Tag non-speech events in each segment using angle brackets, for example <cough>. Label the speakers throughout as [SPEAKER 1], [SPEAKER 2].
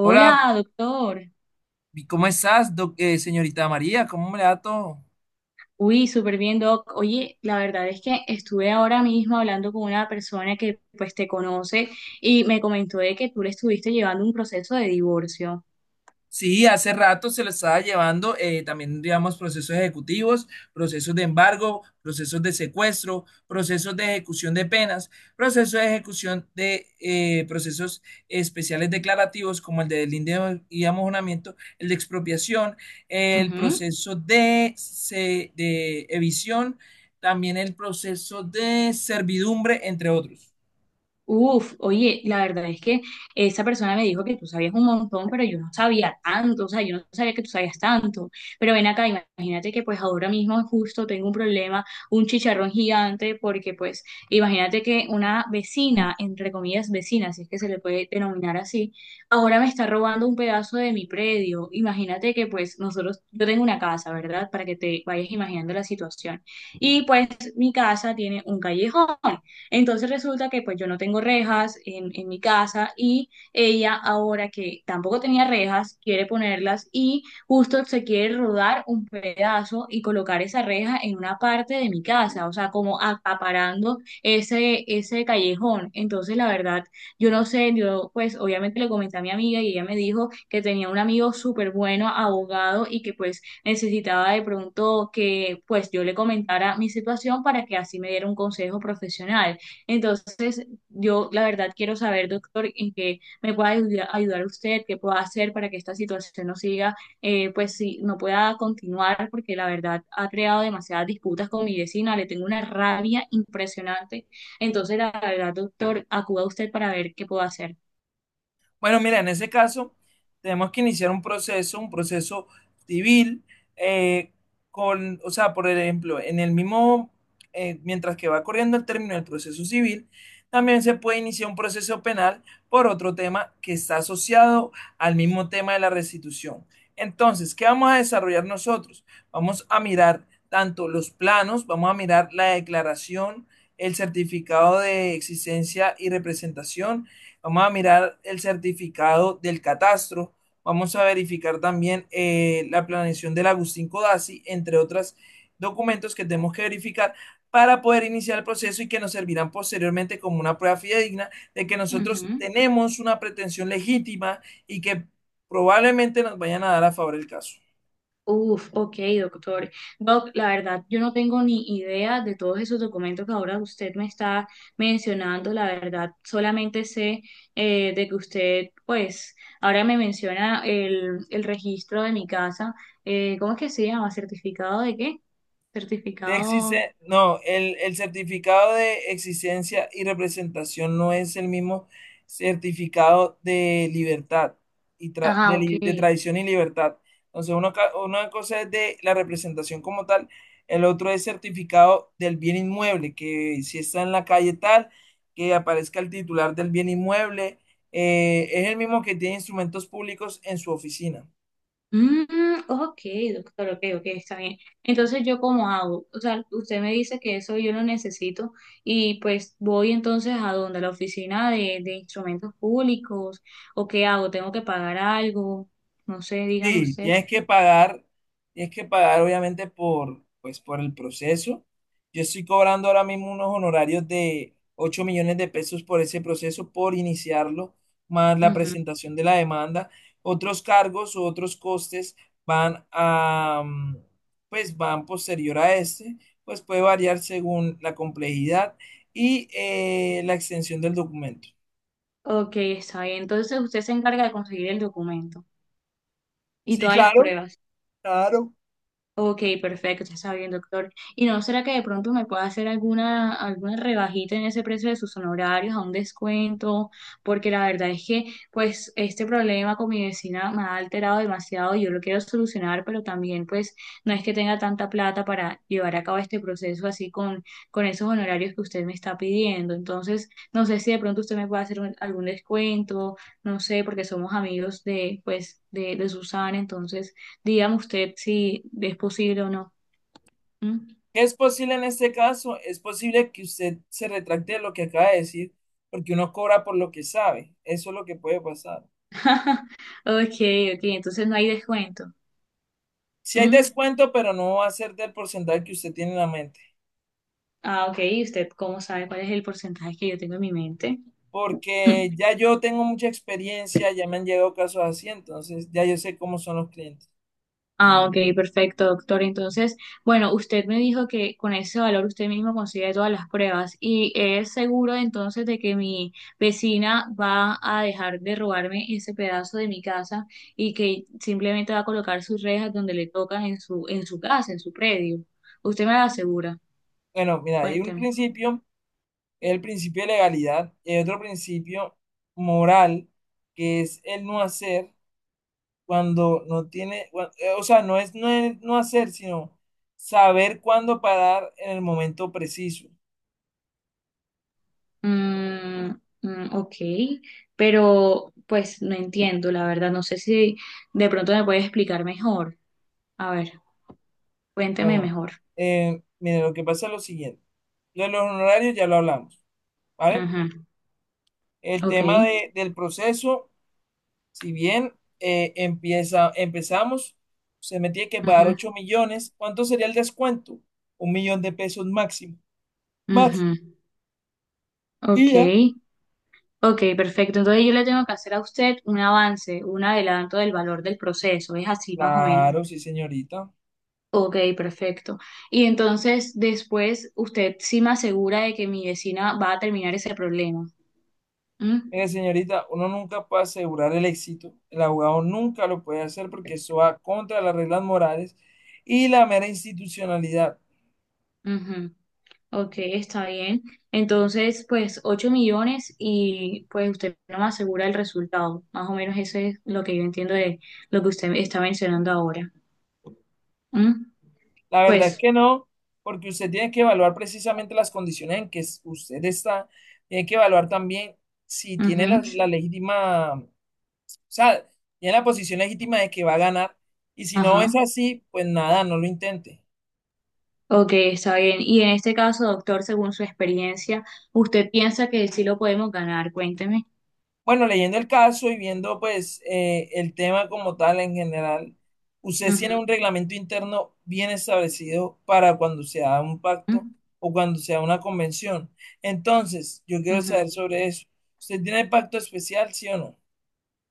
[SPEAKER 1] Hola,
[SPEAKER 2] doctor.
[SPEAKER 1] ¿y ¿cómo estás, señorita María? ¿Cómo me le da todo?
[SPEAKER 2] Uy, súper bien, doc. Oye, la verdad es que estuve ahora mismo hablando con una persona que pues te conoce y me comentó de que tú le estuviste llevando un proceso de divorcio.
[SPEAKER 1] Sí, hace rato se lo estaba llevando, también digamos procesos ejecutivos, procesos de embargo, procesos de secuestro, procesos de ejecución de penas, procesos de ejecución de procesos especiales declarativos como el de delincuencia y amojonamiento, el de expropiación, el
[SPEAKER 2] Ujú.
[SPEAKER 1] proceso de evicción, también el proceso de servidumbre, entre otros.
[SPEAKER 2] Uf, oye, la verdad es que esa persona me dijo que tú sabías un montón, pero yo no sabía tanto, o sea, yo no sabía que tú sabías tanto. Pero ven acá, imagínate que pues ahora mismo justo tengo un problema, un chicharrón gigante, porque pues imagínate que una vecina, entre comillas vecina, si es que se le puede denominar así, ahora me está robando un pedazo de mi predio. Imagínate que pues nosotros, yo tengo una casa, ¿verdad? Para que te vayas imaginando la situación. Y pues mi casa tiene un callejón. Entonces resulta que pues yo no tengo rejas en mi casa y ella ahora que tampoco tenía rejas quiere ponerlas y justo se quiere rodar un pedazo y colocar esa reja en una parte de mi casa, o sea, como acaparando ese callejón. Entonces la verdad, yo no sé, yo pues obviamente le comenté a mi amiga y ella me dijo que tenía un amigo súper bueno, abogado y que pues necesitaba de pronto que pues yo le comentara mi situación para que así me diera un consejo profesional. Entonces, yo la verdad quiero saber, doctor, en qué me pueda ayudar usted, qué pueda hacer para que esta situación no siga, pues sí, no pueda continuar, porque la verdad ha creado demasiadas disputas con mi vecina, le tengo una rabia impresionante. Entonces, la verdad, doctor, acuda usted para ver qué puedo hacer.
[SPEAKER 1] Bueno, mira, en ese caso tenemos que iniciar un proceso civil, eh, o sea, por ejemplo, en el mismo, mientras que va corriendo el término del proceso civil, también se puede iniciar un proceso penal por otro tema que está asociado al mismo tema de la restitución. Entonces, ¿qué vamos a desarrollar nosotros? Vamos a mirar tanto los planos, vamos a mirar la declaración, el certificado de existencia y representación. Vamos a mirar el certificado del catastro. Vamos a verificar también la planeación del Agustín Codazzi, entre otros documentos que tenemos que verificar para poder iniciar el proceso y que nos servirán posteriormente como una prueba fidedigna de que nosotros
[SPEAKER 2] Ujú.
[SPEAKER 1] tenemos una pretensión legítima y que probablemente nos vayan a dar a favor el caso.
[SPEAKER 2] Uf, ok, doctor. Doc, la verdad, yo no tengo ni idea de todos esos documentos que ahora usted me está mencionando. La verdad, solamente sé de que usted, pues, ahora me menciona el registro de mi casa. ¿Cómo es que se llama? ¿Certificado de qué?
[SPEAKER 1] De
[SPEAKER 2] Certificado.
[SPEAKER 1] existe, no, el certificado de existencia y representación no es el mismo certificado de libertad y
[SPEAKER 2] Ajá, ok.
[SPEAKER 1] de tradición y libertad. Entonces, una cosa es de la representación como tal, el otro es certificado del bien inmueble, que si está en la calle tal, que aparezca el titular del bien inmueble, es el mismo que tiene instrumentos públicos en su oficina.
[SPEAKER 2] Mm, ok, doctor, ok, ok, está bien. Entonces, ¿yo cómo hago? O sea, usted me dice que eso yo lo necesito y pues voy entonces a donde la oficina de instrumentos públicos o qué hago, tengo que pagar algo, no sé, dígame
[SPEAKER 1] Sí,
[SPEAKER 2] usted.
[SPEAKER 1] tienes que pagar obviamente por, pues, por el proceso. Yo estoy cobrando ahora mismo unos honorarios de 8 millones de pesos por ese proceso, por iniciarlo, más la
[SPEAKER 2] Ujú.
[SPEAKER 1] presentación de la demanda. Otros cargos o otros costes van a, pues van posterior a este, pues puede variar según la complejidad y la extensión del documento.
[SPEAKER 2] Ok, está bien. Entonces, usted se encarga de conseguir el documento y
[SPEAKER 1] Sí,
[SPEAKER 2] todas las
[SPEAKER 1] claro,
[SPEAKER 2] pruebas.
[SPEAKER 1] claro.
[SPEAKER 2] Ok, perfecto, ya está bien, doctor. ¿Y no será que de pronto me pueda hacer alguna, alguna rebajita en ese precio de sus honorarios, a un descuento? Porque la verdad es que, pues, este problema con mi vecina me ha alterado demasiado. Yo lo quiero solucionar, pero también, pues, no es que tenga tanta plata para llevar a cabo este proceso así con esos honorarios que usted me está pidiendo. Entonces, no sé si de pronto usted me puede hacer algún descuento, no sé, porque somos amigos de, pues, de Susana, entonces. Dígame usted si es posible o no. ¿Mm?
[SPEAKER 1] ¿Qué es posible en este caso? Es posible que usted se retracte de lo que acaba de decir, porque uno cobra por lo que sabe. Eso es lo que puede pasar.
[SPEAKER 2] <laughs> Ok, ok, entonces no hay descuento.
[SPEAKER 1] Si hay
[SPEAKER 2] ¿Mm?
[SPEAKER 1] descuento, pero no va a ser del porcentaje que usted tiene en la mente,
[SPEAKER 2] Ah, ok, ¿y usted cómo sabe cuál es el porcentaje que yo tengo en mi mente?
[SPEAKER 1] porque
[SPEAKER 2] <laughs>
[SPEAKER 1] ya yo tengo mucha experiencia, ya me han llegado casos así, entonces ya yo sé cómo son los clientes.
[SPEAKER 2] Ah, ok, perfecto, doctor. Entonces, bueno, usted me dijo que con ese valor usted mismo consigue todas las pruebas y es seguro entonces de que mi vecina va a dejar de robarme ese pedazo de mi casa y que simplemente va a colocar sus rejas donde le tocan en su casa, en su predio. ¿Usted me lo asegura?
[SPEAKER 1] Bueno, mira, hay un
[SPEAKER 2] Cuénteme.
[SPEAKER 1] principio, el principio de legalidad, y hay otro principio moral, que es el no hacer. Cuando no tiene, cua- O sea, no es, no es no hacer, sino saber cuándo parar en el momento preciso.
[SPEAKER 2] Mm, mm, ok, pero pues no entiendo, la verdad, no sé si de pronto me puedes explicar mejor. A ver, cuénteme
[SPEAKER 1] Bueno,
[SPEAKER 2] mejor.
[SPEAKER 1] mire, lo que pasa es lo siguiente. Lo de los honorarios ya lo hablamos, ¿vale?
[SPEAKER 2] Ujú.
[SPEAKER 1] El
[SPEAKER 2] Ok.
[SPEAKER 1] tema del proceso, si bien empezamos, se me tiene que pagar
[SPEAKER 2] Ujú,
[SPEAKER 1] 8 millones. ¿Cuánto sería el descuento? 1 millón de pesos máximo. Máximo.
[SPEAKER 2] ujú.
[SPEAKER 1] Y
[SPEAKER 2] Ok,
[SPEAKER 1] ya.
[SPEAKER 2] ok, perfecto. Entonces yo le tengo que hacer a usted un avance, un adelanto del valor del proceso, es así más o menos.
[SPEAKER 1] Claro, sí, señorita.
[SPEAKER 2] Ok, perfecto. Y entonces después usted sí me asegura de que mi vecina va a terminar ese problema. ¿Mm?
[SPEAKER 1] Mire, señorita, uno nunca puede asegurar el éxito. El abogado nunca lo puede hacer porque eso va contra las reglas morales y la mera institucionalidad.
[SPEAKER 2] Ujú. Ok, está bien. Entonces, pues 8 millones y pues usted no me asegura el resultado. Más o menos eso es lo que yo entiendo de lo que usted está mencionando ahora. ¿Mm?
[SPEAKER 1] La verdad es
[SPEAKER 2] Pues,
[SPEAKER 1] que no, porque usted tiene que evaluar precisamente las condiciones usted está. Tiene que evaluar también si tiene
[SPEAKER 2] ujú,
[SPEAKER 1] la legítima, o sea, tiene la posición legítima de que va a ganar. Y si no es
[SPEAKER 2] ajá.
[SPEAKER 1] así, pues nada, no lo intente.
[SPEAKER 2] Ok, está bien. Y en este caso, doctor, según su experiencia, ¿usted piensa que sí lo podemos ganar? Cuénteme.
[SPEAKER 1] Bueno, leyendo el caso y viendo pues el tema como tal en general, ustedes tienen
[SPEAKER 2] Ujú,
[SPEAKER 1] un reglamento interno bien establecido para cuando se haga un pacto o cuando se haga una convención. Entonces, yo quiero
[SPEAKER 2] ujú.
[SPEAKER 1] saber sobre eso. ¿Usted tiene pacto especial, sí o no?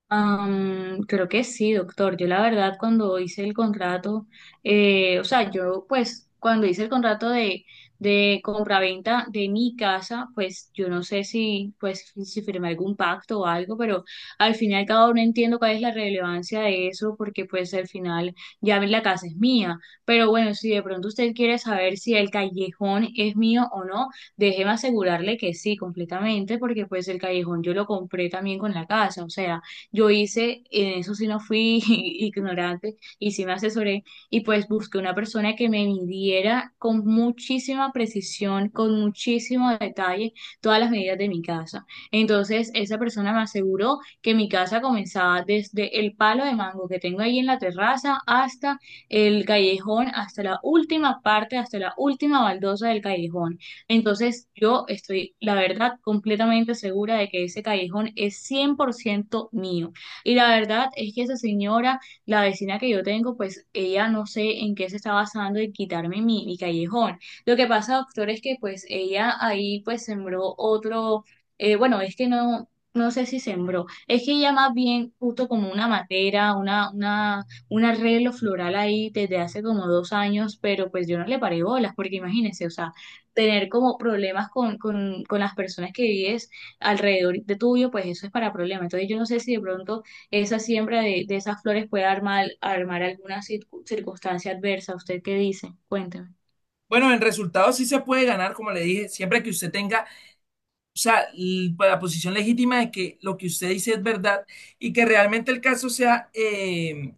[SPEAKER 2] Am, creo que sí, doctor. Yo la verdad cuando hice el contrato, o sea, yo pues cuando hice el contrato de compraventa de mi casa, pues yo no sé si pues si firmé algún pacto o algo, pero al final cada uno entiendo cuál es la relevancia de eso, porque pues al final ya la casa es mía. Pero bueno, si de pronto usted quiere saber si el callejón es mío o no, déjeme asegurarle que sí, completamente, porque pues el callejón yo lo compré también con la casa, o sea. Yo hice, en eso sí no fui <laughs> ignorante y sí me asesoré y pues busqué una persona que me midiera con muchísima precisión, con muchísimo detalle todas las medidas de mi casa. Entonces esa persona me aseguró que mi casa comenzaba desde el palo de mango que tengo ahí en la terraza hasta el callejón, hasta la última parte, hasta la última baldosa del callejón. Entonces yo estoy, la verdad, completamente segura de que ese callejón es 100% mío. Y la verdad es que esa señora, la vecina que yo tengo, pues ella no sé en qué se está basando en quitarme mi, mi callejón. Lo que pasa, doctor, es que pues ella ahí pues sembró otro, bueno, es que no... No sé si sembró, es que ella más bien justo como una matera, una, un arreglo floral ahí desde hace como 2 años, pero pues yo no le paré bolas, porque imagínense, o sea, tener como problemas con las personas que vives alrededor de tuyo, pues eso es para problemas. Entonces yo no sé si de pronto esa siembra de esas flores puede armar, armar alguna circunstancia adversa. ¿Usted qué dice? Cuénteme.
[SPEAKER 1] Bueno, en resultados sí se puede ganar, como le dije, siempre que usted tenga. Pues, la posición legítima de que lo que usted dice es verdad y que realmente el caso sea,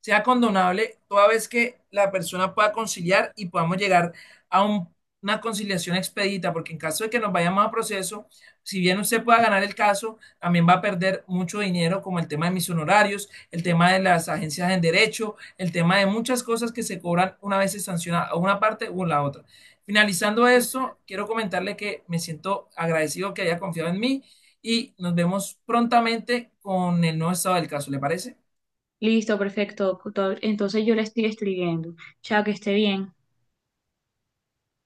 [SPEAKER 1] sea condonable toda vez que la persona pueda conciliar y podamos llegar a una conciliación expedita, porque en caso de que nos vayamos a proceso, si bien usted pueda ganar el caso, también va a perder mucho dinero, como el tema de mis honorarios, el tema de las agencias en derecho, el tema de muchas cosas que se cobran una vez se sanciona a una parte o la otra. Finalizando eso, quiero comentarle que me siento agradecido que haya confiado en mí y nos vemos prontamente con el nuevo estado del caso, ¿le parece?
[SPEAKER 2] Listo, perfecto. Doctor. Entonces yo le estoy escribiendo. Chao, que esté bien.